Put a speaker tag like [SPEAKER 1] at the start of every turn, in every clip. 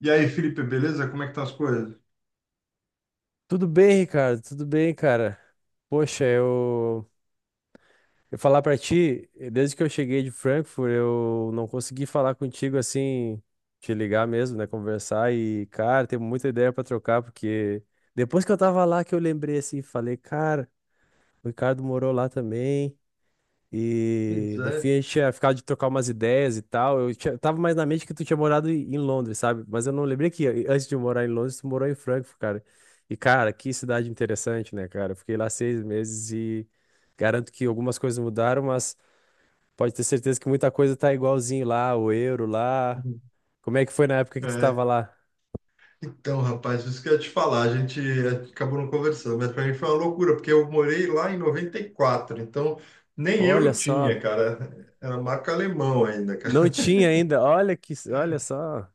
[SPEAKER 1] E aí, Felipe, beleza? Como é que estão as coisas?
[SPEAKER 2] Tudo bem, Ricardo? Tudo bem, cara? Poxa, eu falar pra ti, desde que eu cheguei de Frankfurt, eu não consegui falar contigo assim, te ligar mesmo, né? Conversar e, cara, tem muita ideia pra trocar, porque depois que eu tava lá que eu lembrei assim, falei, cara, o Ricardo morou lá também.
[SPEAKER 1] Pois
[SPEAKER 2] E no fim a
[SPEAKER 1] é.
[SPEAKER 2] gente tinha ficado de trocar umas ideias e tal. Tava mais na mente que tu tinha morado em Londres, sabe? Mas eu não lembrei que antes de morar em Londres, tu morou em Frankfurt, cara. E, cara, que cidade interessante, né, cara? Eu fiquei lá seis meses e garanto que algumas coisas mudaram, mas pode ter certeza que muita coisa tá igualzinho lá, o euro lá.
[SPEAKER 1] Uhum.
[SPEAKER 2] Como é que foi na época que tu tava
[SPEAKER 1] É.
[SPEAKER 2] lá?
[SPEAKER 1] Então, rapaz, isso que eu ia te falar, a gente acabou não conversando, mas para mim foi uma loucura, porque eu morei lá em 94. Então nem
[SPEAKER 2] Olha
[SPEAKER 1] euro
[SPEAKER 2] só,
[SPEAKER 1] tinha, cara. Era marca alemão ainda.
[SPEAKER 2] não tinha ainda. Olha que, olha só.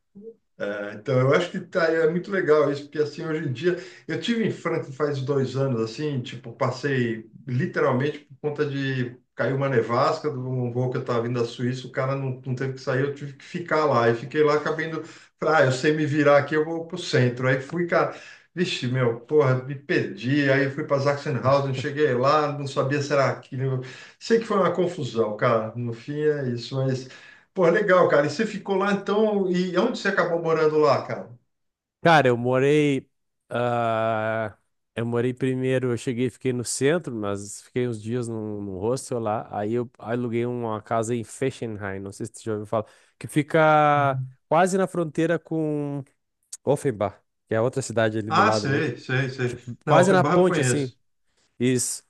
[SPEAKER 1] É, então, eu acho que tá, é muito legal isso, porque assim, hoje em dia, eu tive em Franca faz 2 anos, assim, tipo, passei literalmente por conta de caiu uma nevasca de um voo que eu estava vindo da Suíça, o cara não, não teve que sair, eu tive que ficar lá, e fiquei lá, acabei indo, falei, ah, eu sei me virar aqui, eu vou pro centro, aí fui, cara, vixe, meu, porra, me perdi, aí fui para Sachsenhausen, cheguei lá, não sabia se era aquilo, sei que foi uma confusão, cara, no fim é isso, mas. Pô, legal, cara. E você ficou lá então, e onde você acabou morando lá, cara?
[SPEAKER 2] Cara, eu morei. ah, eu morei primeiro, eu cheguei, e fiquei no centro, mas fiquei uns dias num hostel lá. Aí eu aluguei uma casa em Fessenheim, não sei se você já ouviu falar, que fica quase na fronteira com Offenbach, que é outra cidade ali do
[SPEAKER 1] Ah,
[SPEAKER 2] lado, né?
[SPEAKER 1] sei, sei, sei. Não,
[SPEAKER 2] Quase na
[SPEAKER 1] Offenbach eu
[SPEAKER 2] ponte, assim.
[SPEAKER 1] conheço.
[SPEAKER 2] Isso.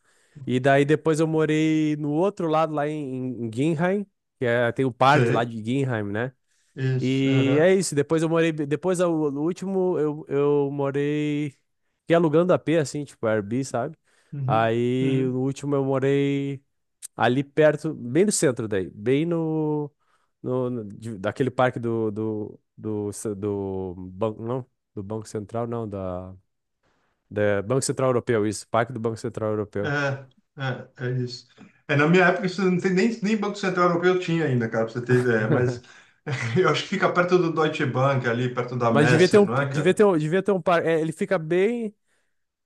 [SPEAKER 2] E daí depois eu morei no outro lado, lá em Ginheim, que é, tem o parque lá
[SPEAKER 1] Sei.
[SPEAKER 2] de Ginheim, né?
[SPEAKER 1] Isso.
[SPEAKER 2] E
[SPEAKER 1] Aham.
[SPEAKER 2] é isso. Depois eu morei. Depois, o último, eu morei. Fiquei alugando a AP, assim, tipo, Airbnb, sabe?
[SPEAKER 1] Uhum.
[SPEAKER 2] Aí,
[SPEAKER 1] Uhum.
[SPEAKER 2] no último, eu morei ali perto, bem no centro daí. Bem no. no, no- de- Daquele parque do. Do banco, não? Do Banco Central, não. Da, da. Banco Central Europeu, isso. Parque do Banco Central Europeu.
[SPEAKER 1] É, é isso. É, na minha época, isso não tem nem Banco Central Europeu tinha ainda, cara, pra você ter ideia. Mas eu acho que fica perto do Deutsche Bank, ali perto da
[SPEAKER 2] Mas devia ter
[SPEAKER 1] Messe,
[SPEAKER 2] um.
[SPEAKER 1] não é,
[SPEAKER 2] Devia
[SPEAKER 1] cara?
[SPEAKER 2] ter um, devia ter um parque. Ele fica bem.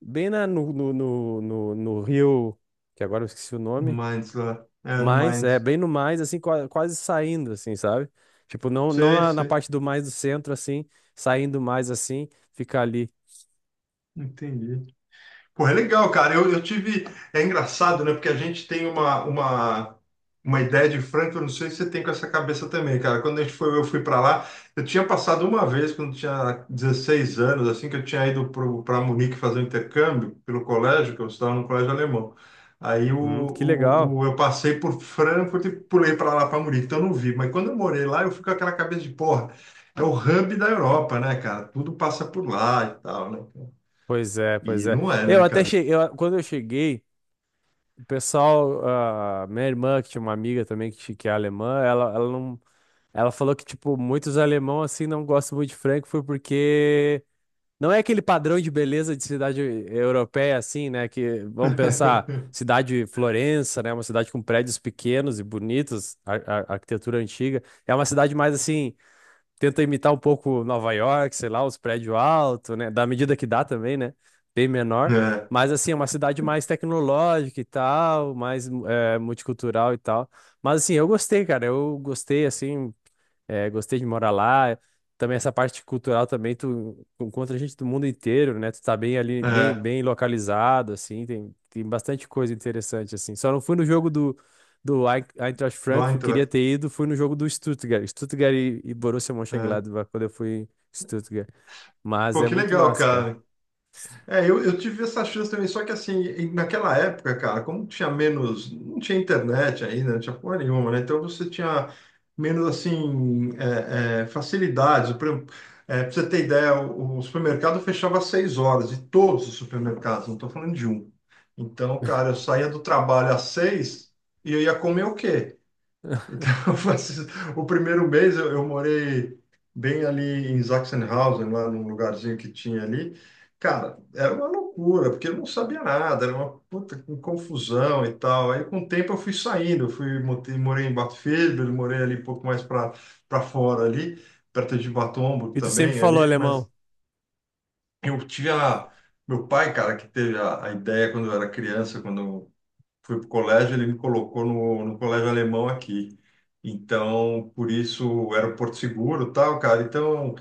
[SPEAKER 2] Bem na, no, no, no, no No Rio. Que agora eu esqueci o
[SPEAKER 1] No
[SPEAKER 2] nome.
[SPEAKER 1] Mainz lá. É, no
[SPEAKER 2] Mas, é,
[SPEAKER 1] Mainz.
[SPEAKER 2] bem no mais, assim, quase saindo, assim, sabe? Tipo, não, não
[SPEAKER 1] Sei,
[SPEAKER 2] na
[SPEAKER 1] sei.
[SPEAKER 2] parte do mais do centro, assim, saindo mais, assim, fica ali.
[SPEAKER 1] Entendi. Pô, é legal, cara. Eu tive. É engraçado, né? Porque a gente tem uma ideia de Franca, eu não sei se você tem com essa cabeça também, cara. Quando a gente foi, eu fui para lá, eu tinha passado uma vez, quando eu tinha 16 anos, assim, que eu tinha ido para Munique fazer um intercâmbio pelo colégio, que eu estava no colégio alemão. Aí
[SPEAKER 2] Uhum, que legal.
[SPEAKER 1] o- eu passei por Frankfurt e pulei para lá, para Munique, então eu não vi. Mas quando eu morei lá, eu fui com aquela cabeça de porra. É o hub da Europa, né, cara? Tudo passa por lá e tal, né, cara?
[SPEAKER 2] Pois é,
[SPEAKER 1] E
[SPEAKER 2] pois é.
[SPEAKER 1] não é,
[SPEAKER 2] Eu
[SPEAKER 1] né,
[SPEAKER 2] até
[SPEAKER 1] cara?
[SPEAKER 2] cheguei, eu- Quando eu cheguei, o pessoal, ah, minha irmã, que tinha uma amiga também que, que é alemã, ela não, ela falou que, tipo, muitos alemão, assim, não gostam muito de frango, foi porque não é aquele padrão de beleza de cidade europeia, assim, né? Que vamos pensar, cidade Florença, né? Uma cidade com prédios pequenos e bonitos, arquitetura antiga. É uma cidade mais assim, tenta imitar um pouco Nova York, sei lá, os prédios altos, né? Da medida que dá também, né? Bem menor.
[SPEAKER 1] É,
[SPEAKER 2] Mas assim, é uma cidade mais tecnológica e tal, mais multicultural e tal. Mas assim, eu gostei, cara. Eu gostei, assim, gostei de morar lá. Também essa parte cultural também, tu encontra gente do mundo inteiro, né? Tu tá bem ali, bem,
[SPEAKER 1] é,
[SPEAKER 2] bem localizado, assim, tem bastante coisa interessante, assim. Só não fui no jogo do Eintracht
[SPEAKER 1] do
[SPEAKER 2] Frankfurt, queria
[SPEAKER 1] Eintracht.
[SPEAKER 2] ter ido, fui no jogo do Stuttgart. Stuttgart e Borussia
[SPEAKER 1] É.
[SPEAKER 2] Mönchengladbach, quando eu fui em Stuttgart. Mas
[SPEAKER 1] Pô,
[SPEAKER 2] é
[SPEAKER 1] que
[SPEAKER 2] muito
[SPEAKER 1] legal,
[SPEAKER 2] massa, cara.
[SPEAKER 1] cara. É, eu tive essa chance também, só que assim, naquela época, cara, como tinha menos, não tinha internet ainda, não tinha porra nenhuma, né? Então você tinha menos, assim, facilidades. Por exemplo, pra você ter ideia, o supermercado fechava às 6 horas, e todos os supermercados, não estou falando de um. Então, cara, eu saía do trabalho às 6 e eu ia comer o quê? Então, o primeiro mês eu morei bem ali em Sachsenhausen, lá num lugarzinho que tinha ali. Cara, era uma loucura, porque eu não sabia nada, era uma puta com confusão e tal. Aí, com o tempo, eu fui saindo, morei em Bad Vilbel, morei ali um pouco mais para fora ali, perto de Bad Homburg
[SPEAKER 2] E tu sempre
[SPEAKER 1] também
[SPEAKER 2] falou
[SPEAKER 1] ali, mas
[SPEAKER 2] alemão.
[SPEAKER 1] eu tive a. Meu pai, cara, que teve a ideia quando eu era criança, quando fui para o colégio, ele me colocou no colégio alemão aqui. Então, por isso era o Porto Seguro, tal, cara. Então,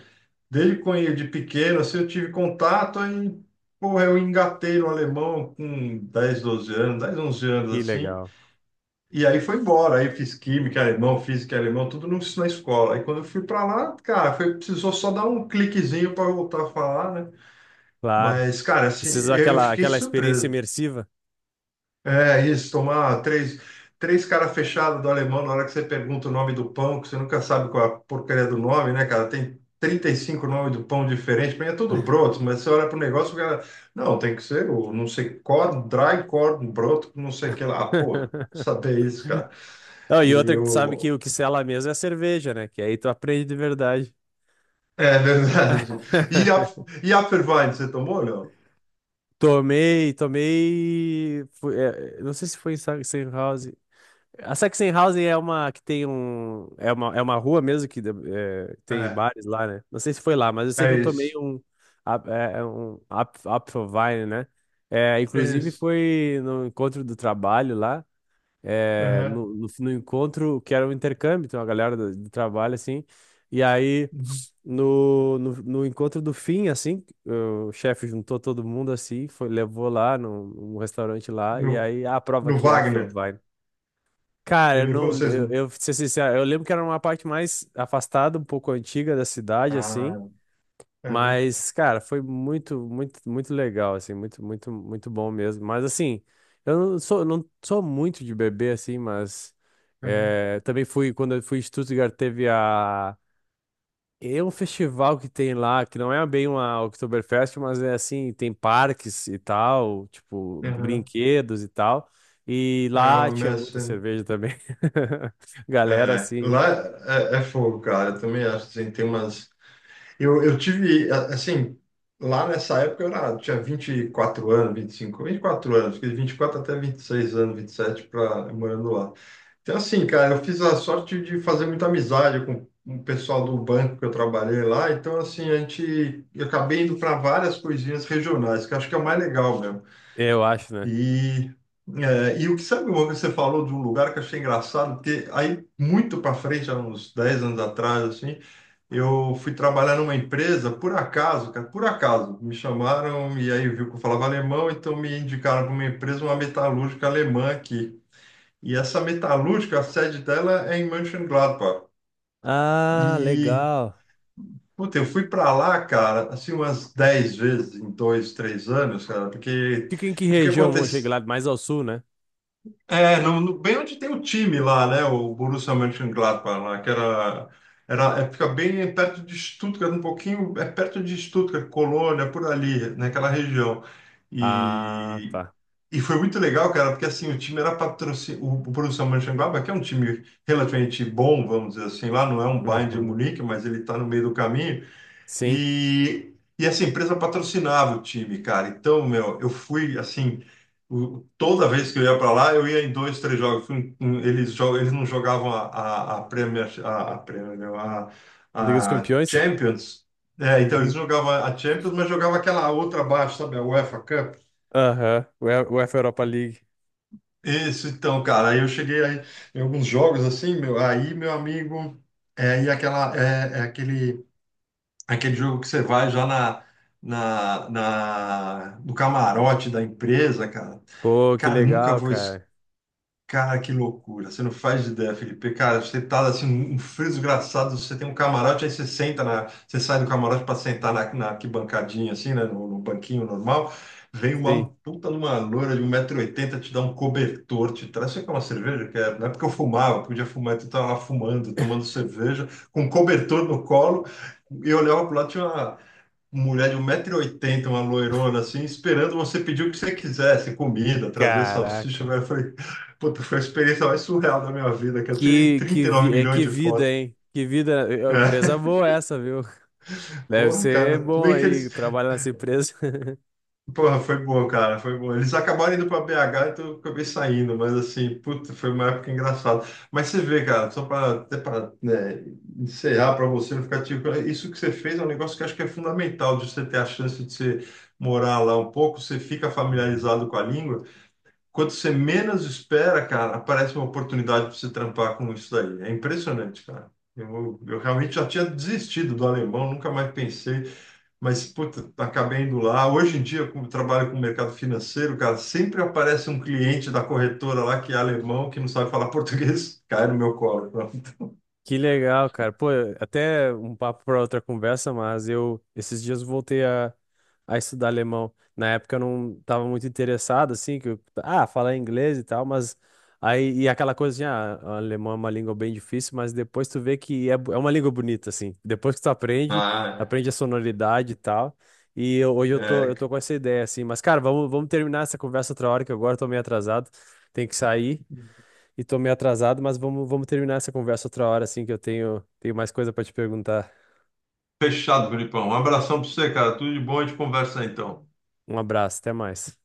[SPEAKER 1] desde quando de pequeno assim, eu tive contato aí, porra, eu engatei no alemão com 10, 12 anos, 10, 11 anos
[SPEAKER 2] Que
[SPEAKER 1] assim.
[SPEAKER 2] legal.
[SPEAKER 1] E aí foi embora, aí fiz química alemão, física alemão, tudo no, na escola. Aí quando eu fui para lá, cara, foi, precisou só dar um cliquezinho para voltar a falar, né?
[SPEAKER 2] Claro.
[SPEAKER 1] Mas, cara, assim,
[SPEAKER 2] Precisou
[SPEAKER 1] eu
[SPEAKER 2] aquela,
[SPEAKER 1] fiquei
[SPEAKER 2] aquela experiência
[SPEAKER 1] surpreso.
[SPEAKER 2] imersiva.
[SPEAKER 1] É isso, tomar três cara fechada do alemão na hora que você pergunta o nome do pão, que você nunca sabe qual é a porcaria do nome, né, cara? Tem 35 nomes do pão diferente, pra mim é tudo broto, mas você olha pro negócio, o cara, não, tem que ser o não sei, corn, dry corn, broto, não sei o que lá. Ah, porra, saber isso, cara.
[SPEAKER 2] Não, e
[SPEAKER 1] E
[SPEAKER 2] outra que tu sabe que
[SPEAKER 1] o.
[SPEAKER 2] o que sela mesmo é a cerveja, né? Que aí tu aprende de verdade.
[SPEAKER 1] É verdade. E a, e a Fervine, você tomou, não?
[SPEAKER 2] Tomei, tomei. Não sei se foi em Sachsenhausen. A Sachsenhausen é uma que tem um. É uma rua mesmo que é, tem
[SPEAKER 1] É,
[SPEAKER 2] bares lá, né? Não sei se foi lá, mas eu sei que
[SPEAKER 1] é
[SPEAKER 2] eu tomei
[SPEAKER 1] isso,
[SPEAKER 2] um. É um Apfelwein, né? É,
[SPEAKER 1] é
[SPEAKER 2] inclusive
[SPEAKER 1] isso.
[SPEAKER 2] foi no encontro do trabalho lá.
[SPEAKER 1] Aham.
[SPEAKER 2] No encontro que era um intercâmbio, então a galera do trabalho, assim, e aí
[SPEAKER 1] Uhum.
[SPEAKER 2] no encontro do fim, assim, o chefe juntou todo mundo, assim, foi, levou lá num restaurante lá, e
[SPEAKER 1] No,
[SPEAKER 2] aí, ah, prova
[SPEAKER 1] no
[SPEAKER 2] aqui, ah, professor,
[SPEAKER 1] Wagner.
[SPEAKER 2] vai. Cara, eu
[SPEAKER 1] Ele,
[SPEAKER 2] não,
[SPEAKER 1] vocês.
[SPEAKER 2] eu, pra ser sincero, eu lembro que era uma parte mais afastada, um pouco antiga da cidade,
[SPEAKER 1] Ah,
[SPEAKER 2] assim,
[SPEAKER 1] é.
[SPEAKER 2] mas, cara, foi muito, muito, muito legal, assim, muito, muito, muito bom mesmo. Mas, assim, eu não sou muito de beber, assim, mas
[SPEAKER 1] Aham,
[SPEAKER 2] também fui, quando eu fui em Stuttgart, teve a... É um festival que tem lá, que não é bem uma Oktoberfest, mas é assim, tem parques e tal, tipo,
[SPEAKER 1] aham.
[SPEAKER 2] brinquedos e tal. E
[SPEAKER 1] É
[SPEAKER 2] lá
[SPEAKER 1] uma
[SPEAKER 2] tinha muita
[SPEAKER 1] messa.
[SPEAKER 2] cerveja também. Galera,
[SPEAKER 1] É,
[SPEAKER 2] assim,
[SPEAKER 1] lá é fogo, cara. Eu também acho assim, tem umas. Eu tive, assim, lá nessa época eu era, tinha 24 anos, vinte e cinco, 24 anos, fiquei de 24 até 26 anos, 27 pra, morando lá. Então, assim, cara, eu fiz a sorte de fazer muita amizade com o pessoal do banco que eu trabalhei lá. Então, assim, a gente, eu acabei indo para várias coisinhas regionais, que eu acho que é o mais legal mesmo.
[SPEAKER 2] eu acho, né?
[SPEAKER 1] E, e o que sabe, uma coisa que você falou de um lugar que eu achei engraçado, porque aí muito para frente, há uns 10 anos atrás, assim, eu fui trabalhar numa empresa, por acaso, cara, por acaso, me chamaram e aí viu que eu falava alemão, então me indicaram para uma empresa, uma metalúrgica alemã aqui. E essa metalúrgica, a sede dela é em Mönchengladbach.
[SPEAKER 2] Ah,
[SPEAKER 1] E,
[SPEAKER 2] legal.
[SPEAKER 1] puta, eu fui para lá, cara, assim, umas 10 vezes em dois, três anos, cara, porque
[SPEAKER 2] Fica em que
[SPEAKER 1] o que
[SPEAKER 2] região,
[SPEAKER 1] acontece?
[SPEAKER 2] Mönchengladbach? Mais ao sul, né?
[SPEAKER 1] É, bem onde tem o time lá, né? O Borussia Mönchengladbach lá, que é, fica bem perto de Stuttgart, um pouquinho, é perto de Stuttgart, Colônia, por ali, naquela região.
[SPEAKER 2] Ah,
[SPEAKER 1] E,
[SPEAKER 2] tá.
[SPEAKER 1] e foi muito legal, cara, porque assim, o time era patrocinado, o Borussia Mönchengladbach, que é um time relativamente bom, vamos dizer assim, lá não é um Bayern de
[SPEAKER 2] Uhum.
[SPEAKER 1] Munique, mas ele está no meio do caminho.
[SPEAKER 2] Sim.
[SPEAKER 1] E essa empresa patrocinava o time, cara. Então, meu, eu fui assim. Toda vez que eu ia para lá, eu ia em dois, três jogos. Eles não jogavam a Premier, a Premier, não,
[SPEAKER 2] Liga dos
[SPEAKER 1] a
[SPEAKER 2] Campeões?
[SPEAKER 1] Champions. É, então eles
[SPEAKER 2] Uhum.
[SPEAKER 1] jogavam a Champions, mas jogavam aquela outra abaixo, sabe? A UEFA Cup.
[SPEAKER 2] Aham. UEFA Europa League.
[SPEAKER 1] Isso, então, cara, aí eu cheguei aí, em alguns jogos assim, meu, aí meu amigo, é, e aquela, é aquele jogo que você vai já no camarote da empresa, cara.
[SPEAKER 2] Pô, que
[SPEAKER 1] Cara, nunca
[SPEAKER 2] legal,
[SPEAKER 1] vou.
[SPEAKER 2] cara.
[SPEAKER 1] Cara, que loucura. Você não faz ideia, Felipe. Cara, você tá assim, um frio desgraçado. Você tem um camarote, aí você senta na. Você sai do camarote para sentar na arquibancadinha, assim, né? No banquinho normal. Vem uma
[SPEAKER 2] Sim.
[SPEAKER 1] puta numa loura de 1,80 m te dá um cobertor, te traz. Você quer uma cerveja? Quero. Na época eu fumava, podia fumar, então tava lá fumando, tomando cerveja, com um cobertor no colo, e eu olhava pro lado, tinha uma, mulher de 1,80 m, uma loirona, assim, esperando você pedir o que você quisesse, comida, trazer salsicha.
[SPEAKER 2] Caraca.
[SPEAKER 1] Eu falei, puta, foi a experiência mais surreal da minha vida, que eu tirei
[SPEAKER 2] Que, que,
[SPEAKER 1] 39
[SPEAKER 2] vi- é,
[SPEAKER 1] milhões
[SPEAKER 2] que
[SPEAKER 1] de
[SPEAKER 2] vida,
[SPEAKER 1] fotos.
[SPEAKER 2] hein? Que vida. É, empresa
[SPEAKER 1] É,
[SPEAKER 2] boa essa, viu? Deve
[SPEAKER 1] porra,
[SPEAKER 2] ser
[SPEAKER 1] cara, tudo
[SPEAKER 2] bom
[SPEAKER 1] bem que eles.
[SPEAKER 2] aí trabalhar nessa empresa.
[SPEAKER 1] Porra, foi bom, cara, foi bom. Eles acabaram indo para BH, então eu acabei saindo, mas assim, puta, foi uma época engraçada. Mas você vê, cara, só para até para encerrar para você não ficar tipo, isso que você fez é um negócio que eu acho que é fundamental de você ter a chance de você morar lá um pouco, você fica
[SPEAKER 2] Uhum.
[SPEAKER 1] familiarizado com a língua. Quando você menos espera, cara, aparece uma oportunidade para você trampar com isso daí. É impressionante, cara. Eu realmente já tinha desistido do alemão, nunca mais pensei. Mas, puta, acabei indo lá. Hoje em dia, como eu trabalho com o mercado financeiro, cara, sempre aparece um cliente da corretora lá que é alemão, que não sabe falar português, cai no meu colo.
[SPEAKER 2] Que legal, cara. Pô, até um papo para outra conversa, mas eu esses dias voltei a estudar alemão. Na época eu não tava muito interessado, assim, que eu, falar inglês e tal, mas aí, e aquela coisa assim, o alemão é uma língua bem difícil, mas depois tu vê que é uma língua bonita, assim. Depois que tu aprende,
[SPEAKER 1] Ah,
[SPEAKER 2] aprende a sonoridade e tal. Hoje eu
[SPEAKER 1] é,
[SPEAKER 2] tô, eu tô
[SPEAKER 1] é,
[SPEAKER 2] com essa ideia, assim. Mas, cara, vamos terminar essa conversa outra hora, que agora eu tô meio atrasado, tem que sair e tô meio atrasado, mas vamos terminar essa conversa outra hora, assim, que eu tenho mais coisa pra te perguntar.
[SPEAKER 1] fechado, Felipão. Um abração pra você, cara. Tudo de bom, a gente conversa aí, então.
[SPEAKER 2] Um abraço, até mais.